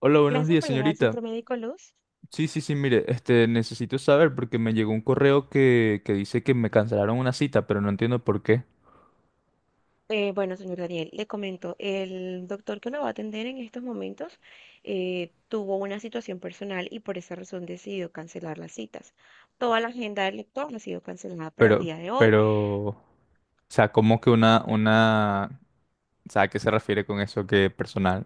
Hola, buenos Gracias días, por llamar al señorita. Centro Médico Luz. Sí, sí, sí, mire, necesito saber porque me llegó un correo que dice que me cancelaron una cita, pero no entiendo por qué. Bueno, señor Daniel, le comento, el doctor que lo va a atender en estos momentos tuvo una situación personal y por esa razón decidió cancelar las citas. Toda la agenda del doctor ha sido cancelada para el Pero, día de hoy. pero, o sea, cómo que una, o sea, ¿a qué se refiere con eso que personal?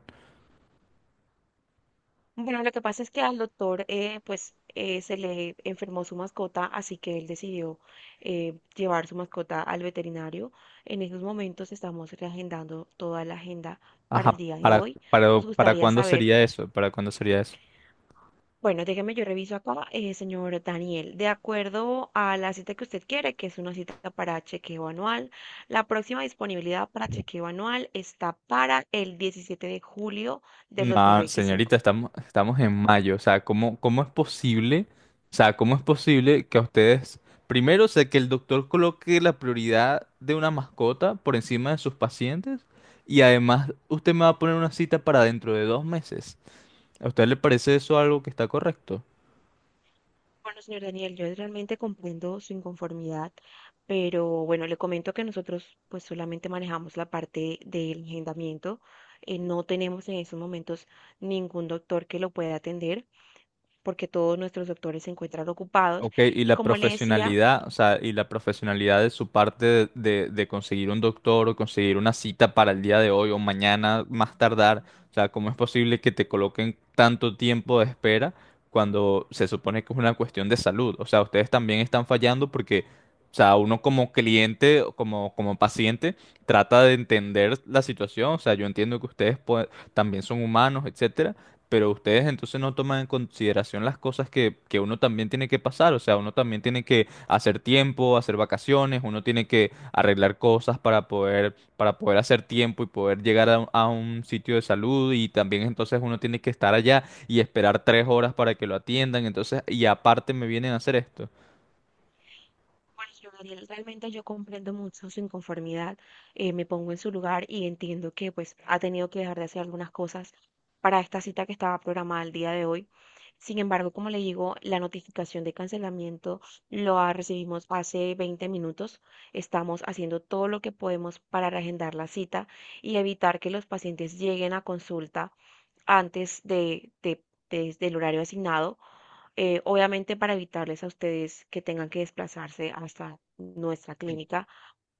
Bueno, lo que pasa es que al doctor pues se le enfermó su mascota, así que él decidió llevar su mascota al veterinario. En estos momentos estamos reagendando toda la agenda para el Ajá, día de ¿para, hoy. para, Nos para gustaría cuándo saber. sería eso? ¿Para cuándo sería eso? Bueno, déjeme, yo reviso acá, señor Daniel. De acuerdo a la cita que usted quiere, que es una cita para chequeo anual, la próxima disponibilidad para chequeo anual está para el 17 de julio del No, 2025. señorita, estamos en mayo. O sea, ¿cómo es posible? O sea, ¿cómo es posible que a ustedes, primero, sé que el doctor coloque la prioridad de una mascota por encima de sus pacientes y además usted me va a poner una cita para dentro de 2 meses? ¿A usted le parece eso algo que está correcto? Bueno, señor Daniel, yo realmente comprendo su inconformidad, pero bueno, le comento que nosotros pues solamente manejamos la parte del agendamiento. No tenemos en estos momentos ningún doctor que lo pueda atender porque todos nuestros doctores se encuentran ocupados. Ok, y Y la como le decía. profesionalidad, o sea, y la profesionalidad de su parte de conseguir un doctor o conseguir una cita para el día de hoy o mañana más tardar, o sea, ¿cómo es posible que te coloquen tanto tiempo de espera cuando se supone que es una cuestión de salud? O sea, ustedes también están fallando porque, o sea, uno como cliente, o como paciente, trata de entender la situación, o sea, yo entiendo que también son humanos, etcétera, pero ustedes entonces no toman en consideración las cosas que uno también tiene que pasar, o sea, uno también tiene que hacer tiempo, hacer vacaciones, uno tiene que arreglar cosas para poder hacer tiempo y poder llegar a un sitio de salud y también entonces uno tiene que estar allá y esperar 3 horas para que lo atiendan, entonces, y aparte me vienen a hacer esto. Bueno, yo, Daniel, realmente yo comprendo mucho su inconformidad, me pongo en su lugar y entiendo que pues ha tenido que dejar de hacer algunas cosas para esta cita que estaba programada el día de hoy. Sin embargo, como le digo, la notificación de cancelamiento lo ha recibimos hace 20 minutos. Estamos haciendo todo lo que podemos para reagendar la cita y evitar que los pacientes lleguen a consulta antes del horario asignado, obviamente para evitarles a ustedes que tengan que desplazarse hasta nuestra clínica,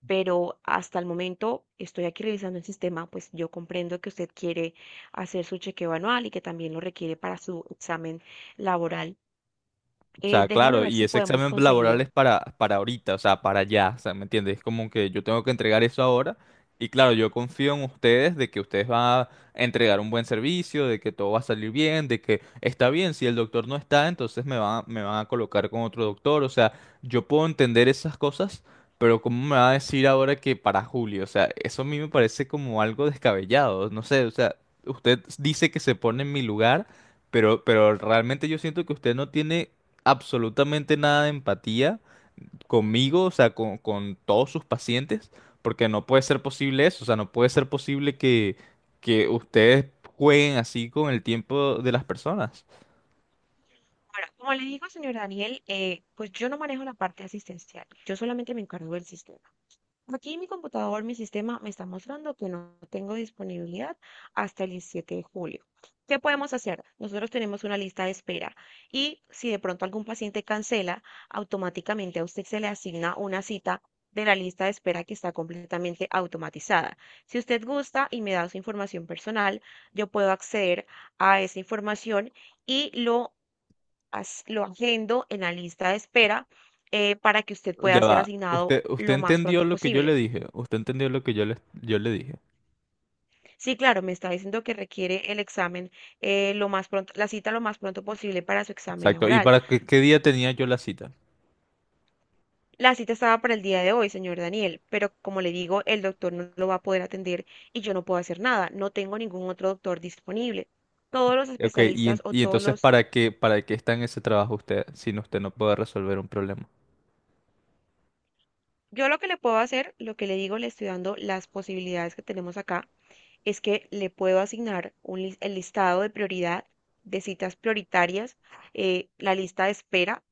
pero hasta el momento estoy aquí revisando el sistema, pues yo comprendo que usted quiere hacer su chequeo anual y que también lo requiere para su examen laboral. O sea, Déjeme claro, ver y si ese podemos examen laboral conseguir. es para ahorita, o sea, para allá, o sea, ¿me entiendes? Es como que yo tengo que entregar eso ahora y claro, yo confío en ustedes de que ustedes van a entregar un buen servicio, de que todo va a salir bien, de que está bien, si el doctor no está, entonces me van a colocar con otro doctor, o sea, yo puedo entender esas cosas, pero ¿cómo me va a decir ahora que para julio? O sea, eso a mí me parece como algo descabellado, no sé, o sea, usted dice que se pone en mi lugar. Pero realmente yo siento que usted no tiene absolutamente nada de empatía conmigo, o sea, con todos sus pacientes, porque no puede ser posible eso, o sea, no puede ser posible que ustedes jueguen así con el tiempo de las personas. Ahora, como le digo, señor Daniel, pues yo no manejo la parte asistencial, yo solamente me encargo del sistema. Aquí mi computador, mi sistema me está mostrando que no tengo disponibilidad hasta el 17 de julio. ¿Qué podemos hacer? Nosotros tenemos una lista de espera y si de pronto algún paciente cancela, automáticamente a usted se le asigna una cita de la lista de espera que está completamente automatizada. Si usted gusta y me da su información personal, yo puedo acceder a esa información y lo, lo agendo en la lista de espera para que usted Ya pueda ser va. asignado Usted lo más entendió pronto lo que yo le posible. dije. Usted entendió lo que yo le dije. Sí, claro, me está diciendo que requiere el examen lo más pronto, la cita lo más pronto posible para su examen Exacto. ¿Y laboral. para qué, qué día tenía yo la cita? La cita estaba para el día de hoy, señor Daniel, pero como le digo, el doctor no lo va a poder atender y yo no puedo hacer nada. No tengo ningún otro doctor disponible. Todos los Ok, especialistas o y todos entonces los... ¿para qué está en ese trabajo usted si usted no puede resolver un problema? Yo lo que le puedo hacer, lo que le digo, le estoy dando las posibilidades que tenemos acá, es que le puedo asignar el listado de prioridad de citas prioritarias, la lista de espera.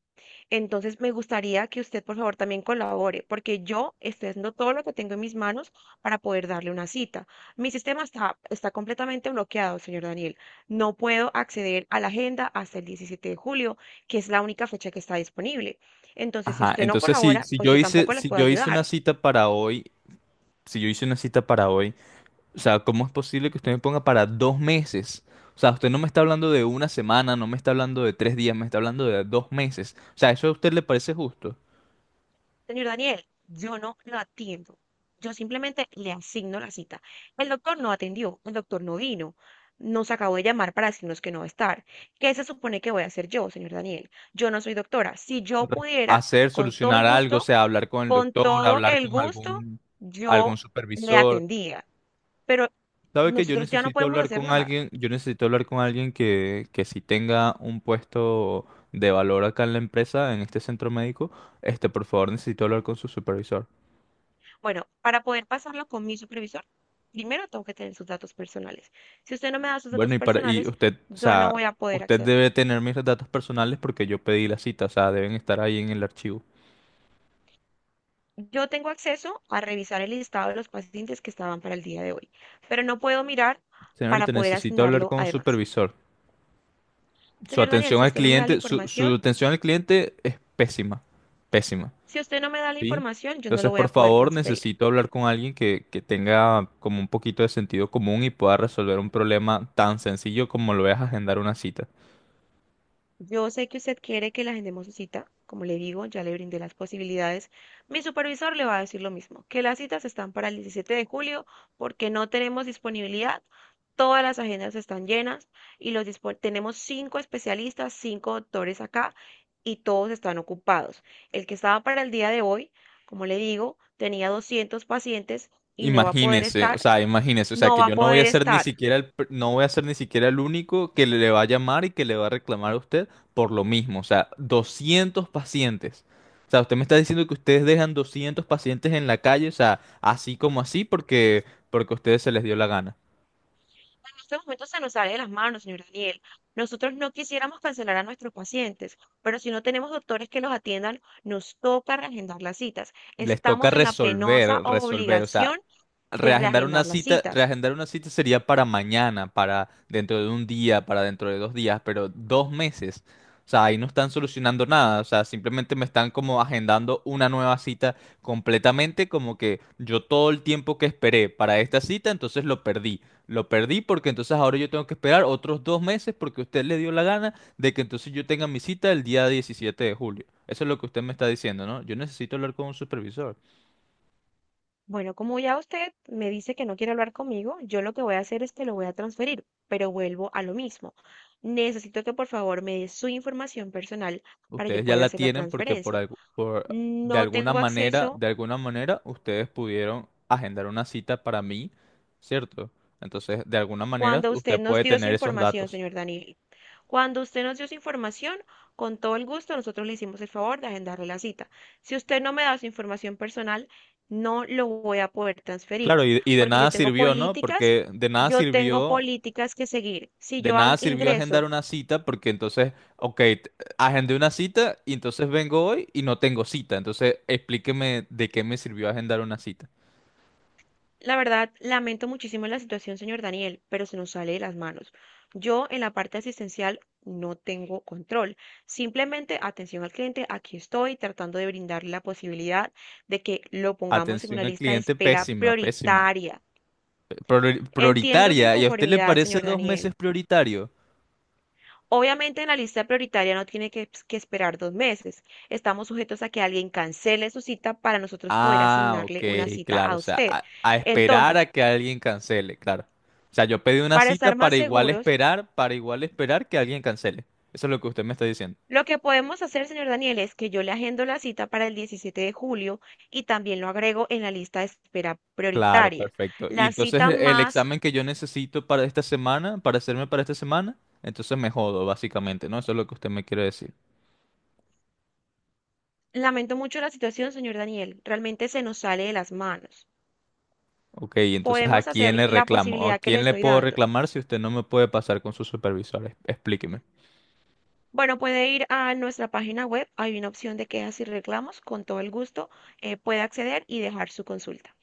Entonces, me gustaría que usted, por favor, también colabore, porque yo estoy haciendo todo lo que tengo en mis manos para poder darle una cita. Mi sistema está completamente bloqueado, señor Daniel. No puedo acceder a la agenda hasta el 17 de julio, que es la única fecha que está disponible. Entonces, si Ajá, usted no entonces colabora, pues yo tampoco le si puedo yo hice una ayudar. cita para hoy, si yo hice una cita para hoy, o sea, ¿cómo es posible que usted me ponga para 2 meses? O sea, usted no me está hablando de una semana, no me está hablando de 3 días, me está hablando de 2 meses. O sea, ¿eso a usted le parece justo? Señor Daniel, yo no lo atiendo. Yo simplemente le asigno la cita. El doctor no atendió, el doctor no vino. Nos acabó de llamar para decirnos que no va a estar. ¿Qué se supone que voy a hacer yo, señor Daniel? Yo no soy doctora. Si yo pudiera, Hacer, con todo el solucionar algo, o gusto, sea, hablar con el con doctor, todo hablar el con gusto, algún, algún yo le supervisor. atendía. Pero ¿Sabe que yo nosotros ya no necesito podemos hablar hacer con nada. alguien? Yo necesito hablar con alguien que sí tenga un puesto de valor acá en la empresa, en este centro médico. Por favor, necesito hablar con su supervisor. Bueno, para poder pasarlo con mi supervisor, primero tengo que tener sus datos personales. Si usted no me da sus Bueno, datos y para, y personales, usted, o yo no sea, voy a poder usted acceder. debe tener mis datos personales porque yo pedí la cita, o sea, deben estar ahí en el archivo. Yo tengo acceso a revisar el listado de los pacientes que estaban para el día de hoy, pero no puedo mirar para Señorita, poder necesito hablar asignarlo con un además. supervisor. Su Señor Daniel, atención si al usted no me da la cliente, su, información, su atención al cliente es pésima, pésima, si usted no me da la ¿sí? información, yo no lo Entonces, voy a por poder favor, transferir. necesito hablar con alguien que tenga como un poquito de sentido común y pueda resolver un problema tan sencillo como lo es agendar una cita. Yo sé que usted quiere que la agendemos su cita, como le digo, ya le brindé las posibilidades. Mi supervisor le va a decir lo mismo, que las citas están para el 17 de julio porque no tenemos disponibilidad, todas las agendas están llenas y tenemos cinco especialistas, cinco doctores acá y todos están ocupados. El que estaba para el día de hoy, como le digo, tenía 200 pacientes y no va a poder estar, Imagínese, o sea, no que va a yo no voy a poder ser ni estar. siquiera no voy a ser ni siquiera el único que le va a llamar y que le va a reclamar a usted por lo mismo, o sea, 200 pacientes. O sea, usted me está diciendo que ustedes dejan 200 pacientes en la calle, o sea, así como así porque a ustedes se les dio la gana. Este momento se nos sale de las manos, señor Daniel. Nosotros no quisiéramos cancelar a nuestros pacientes, pero si no tenemos doctores que los atiendan, nos toca reagendar las citas. Les toca Estamos en la penosa resolver, resolver, o sea, obligación de reagendar las citas. reagendar una cita sería para mañana, para dentro de un día, para dentro de 2 días, pero dos meses. O sea, ahí no están solucionando nada, o sea, simplemente me están como agendando una nueva cita completamente, como que yo todo el tiempo que esperé para esta cita, entonces lo perdí. Lo perdí porque entonces ahora yo tengo que esperar otros 2 meses porque usted le dio la gana de que entonces yo tenga mi cita el día 17 de julio. Eso es lo que usted me está diciendo, ¿no? Yo necesito hablar con un supervisor. Bueno, como ya usted me dice que no quiere hablar conmigo, yo lo que voy a hacer es que lo voy a transferir, pero vuelvo a lo mismo. Necesito que por favor me dé su información personal para yo Ustedes ya poder la hacer la tienen porque por transferencia. algo, No tengo acceso. de alguna manera, ustedes pudieron agendar una cita para mí, ¿cierto? Entonces, de alguna manera, Cuando usted usted nos puede dio su tener esos información, datos. señor Daniel, cuando usted nos dio su información, con todo el gusto nosotros le hicimos el favor de agendarle la cita. Si usted no me da su información personal, no lo voy a poder transferir, Claro, y de porque nada sirvió, ¿no? Porque de nada yo tengo sirvió. políticas que seguir. Si De yo nada sirvió agendar ingreso. una cita porque entonces, ok, agendé una cita y entonces vengo hoy y no tengo cita. Entonces, explíqueme de qué me sirvió agendar una cita. La verdad, lamento muchísimo la situación, señor Daniel, pero se nos sale de las manos. Yo en la parte asistencial no tengo control. Simplemente atención al cliente, aquí estoy tratando de brindarle la posibilidad de que lo pongamos en Atención una al lista de cliente, espera pésima, pésima. prioritaria. Entiendo su Prioritaria, ¿y a usted le inconformidad, parece señor dos Daniel. meses prioritario? Obviamente en la lista prioritaria no tiene que esperar 2 meses. Estamos sujetos a que alguien cancele su cita para nosotros poder Ah, asignarle ok, una cita a claro, o sea, usted. A esperar Entonces, a que alguien cancele, claro. O sea, yo pedí una para cita estar más seguros, para igual esperar que alguien cancele. Eso es lo que usted me está diciendo. lo que podemos hacer, señor Daniel, es que yo le agendo la cita para el 17 de julio y también lo agrego en la lista de espera Claro, prioritaria. perfecto. Y La entonces cita el más, examen que yo necesito para esta semana, para hacerme para esta semana, entonces me jodo, básicamente, ¿no? Eso es lo que usted me quiere decir. lamento mucho la situación, señor Daniel, realmente se nos sale de las manos. Ok, entonces ¿a Podemos quién hacer le la reclamo? ¿O ¿a posibilidad que le quién le estoy puedo dando. reclamar si usted no me puede pasar con su supervisor? Explíqueme. Bueno, puede ir a nuestra página web, hay una opción de quejas y reclamos, con todo el gusto, puede acceder y dejar su consulta.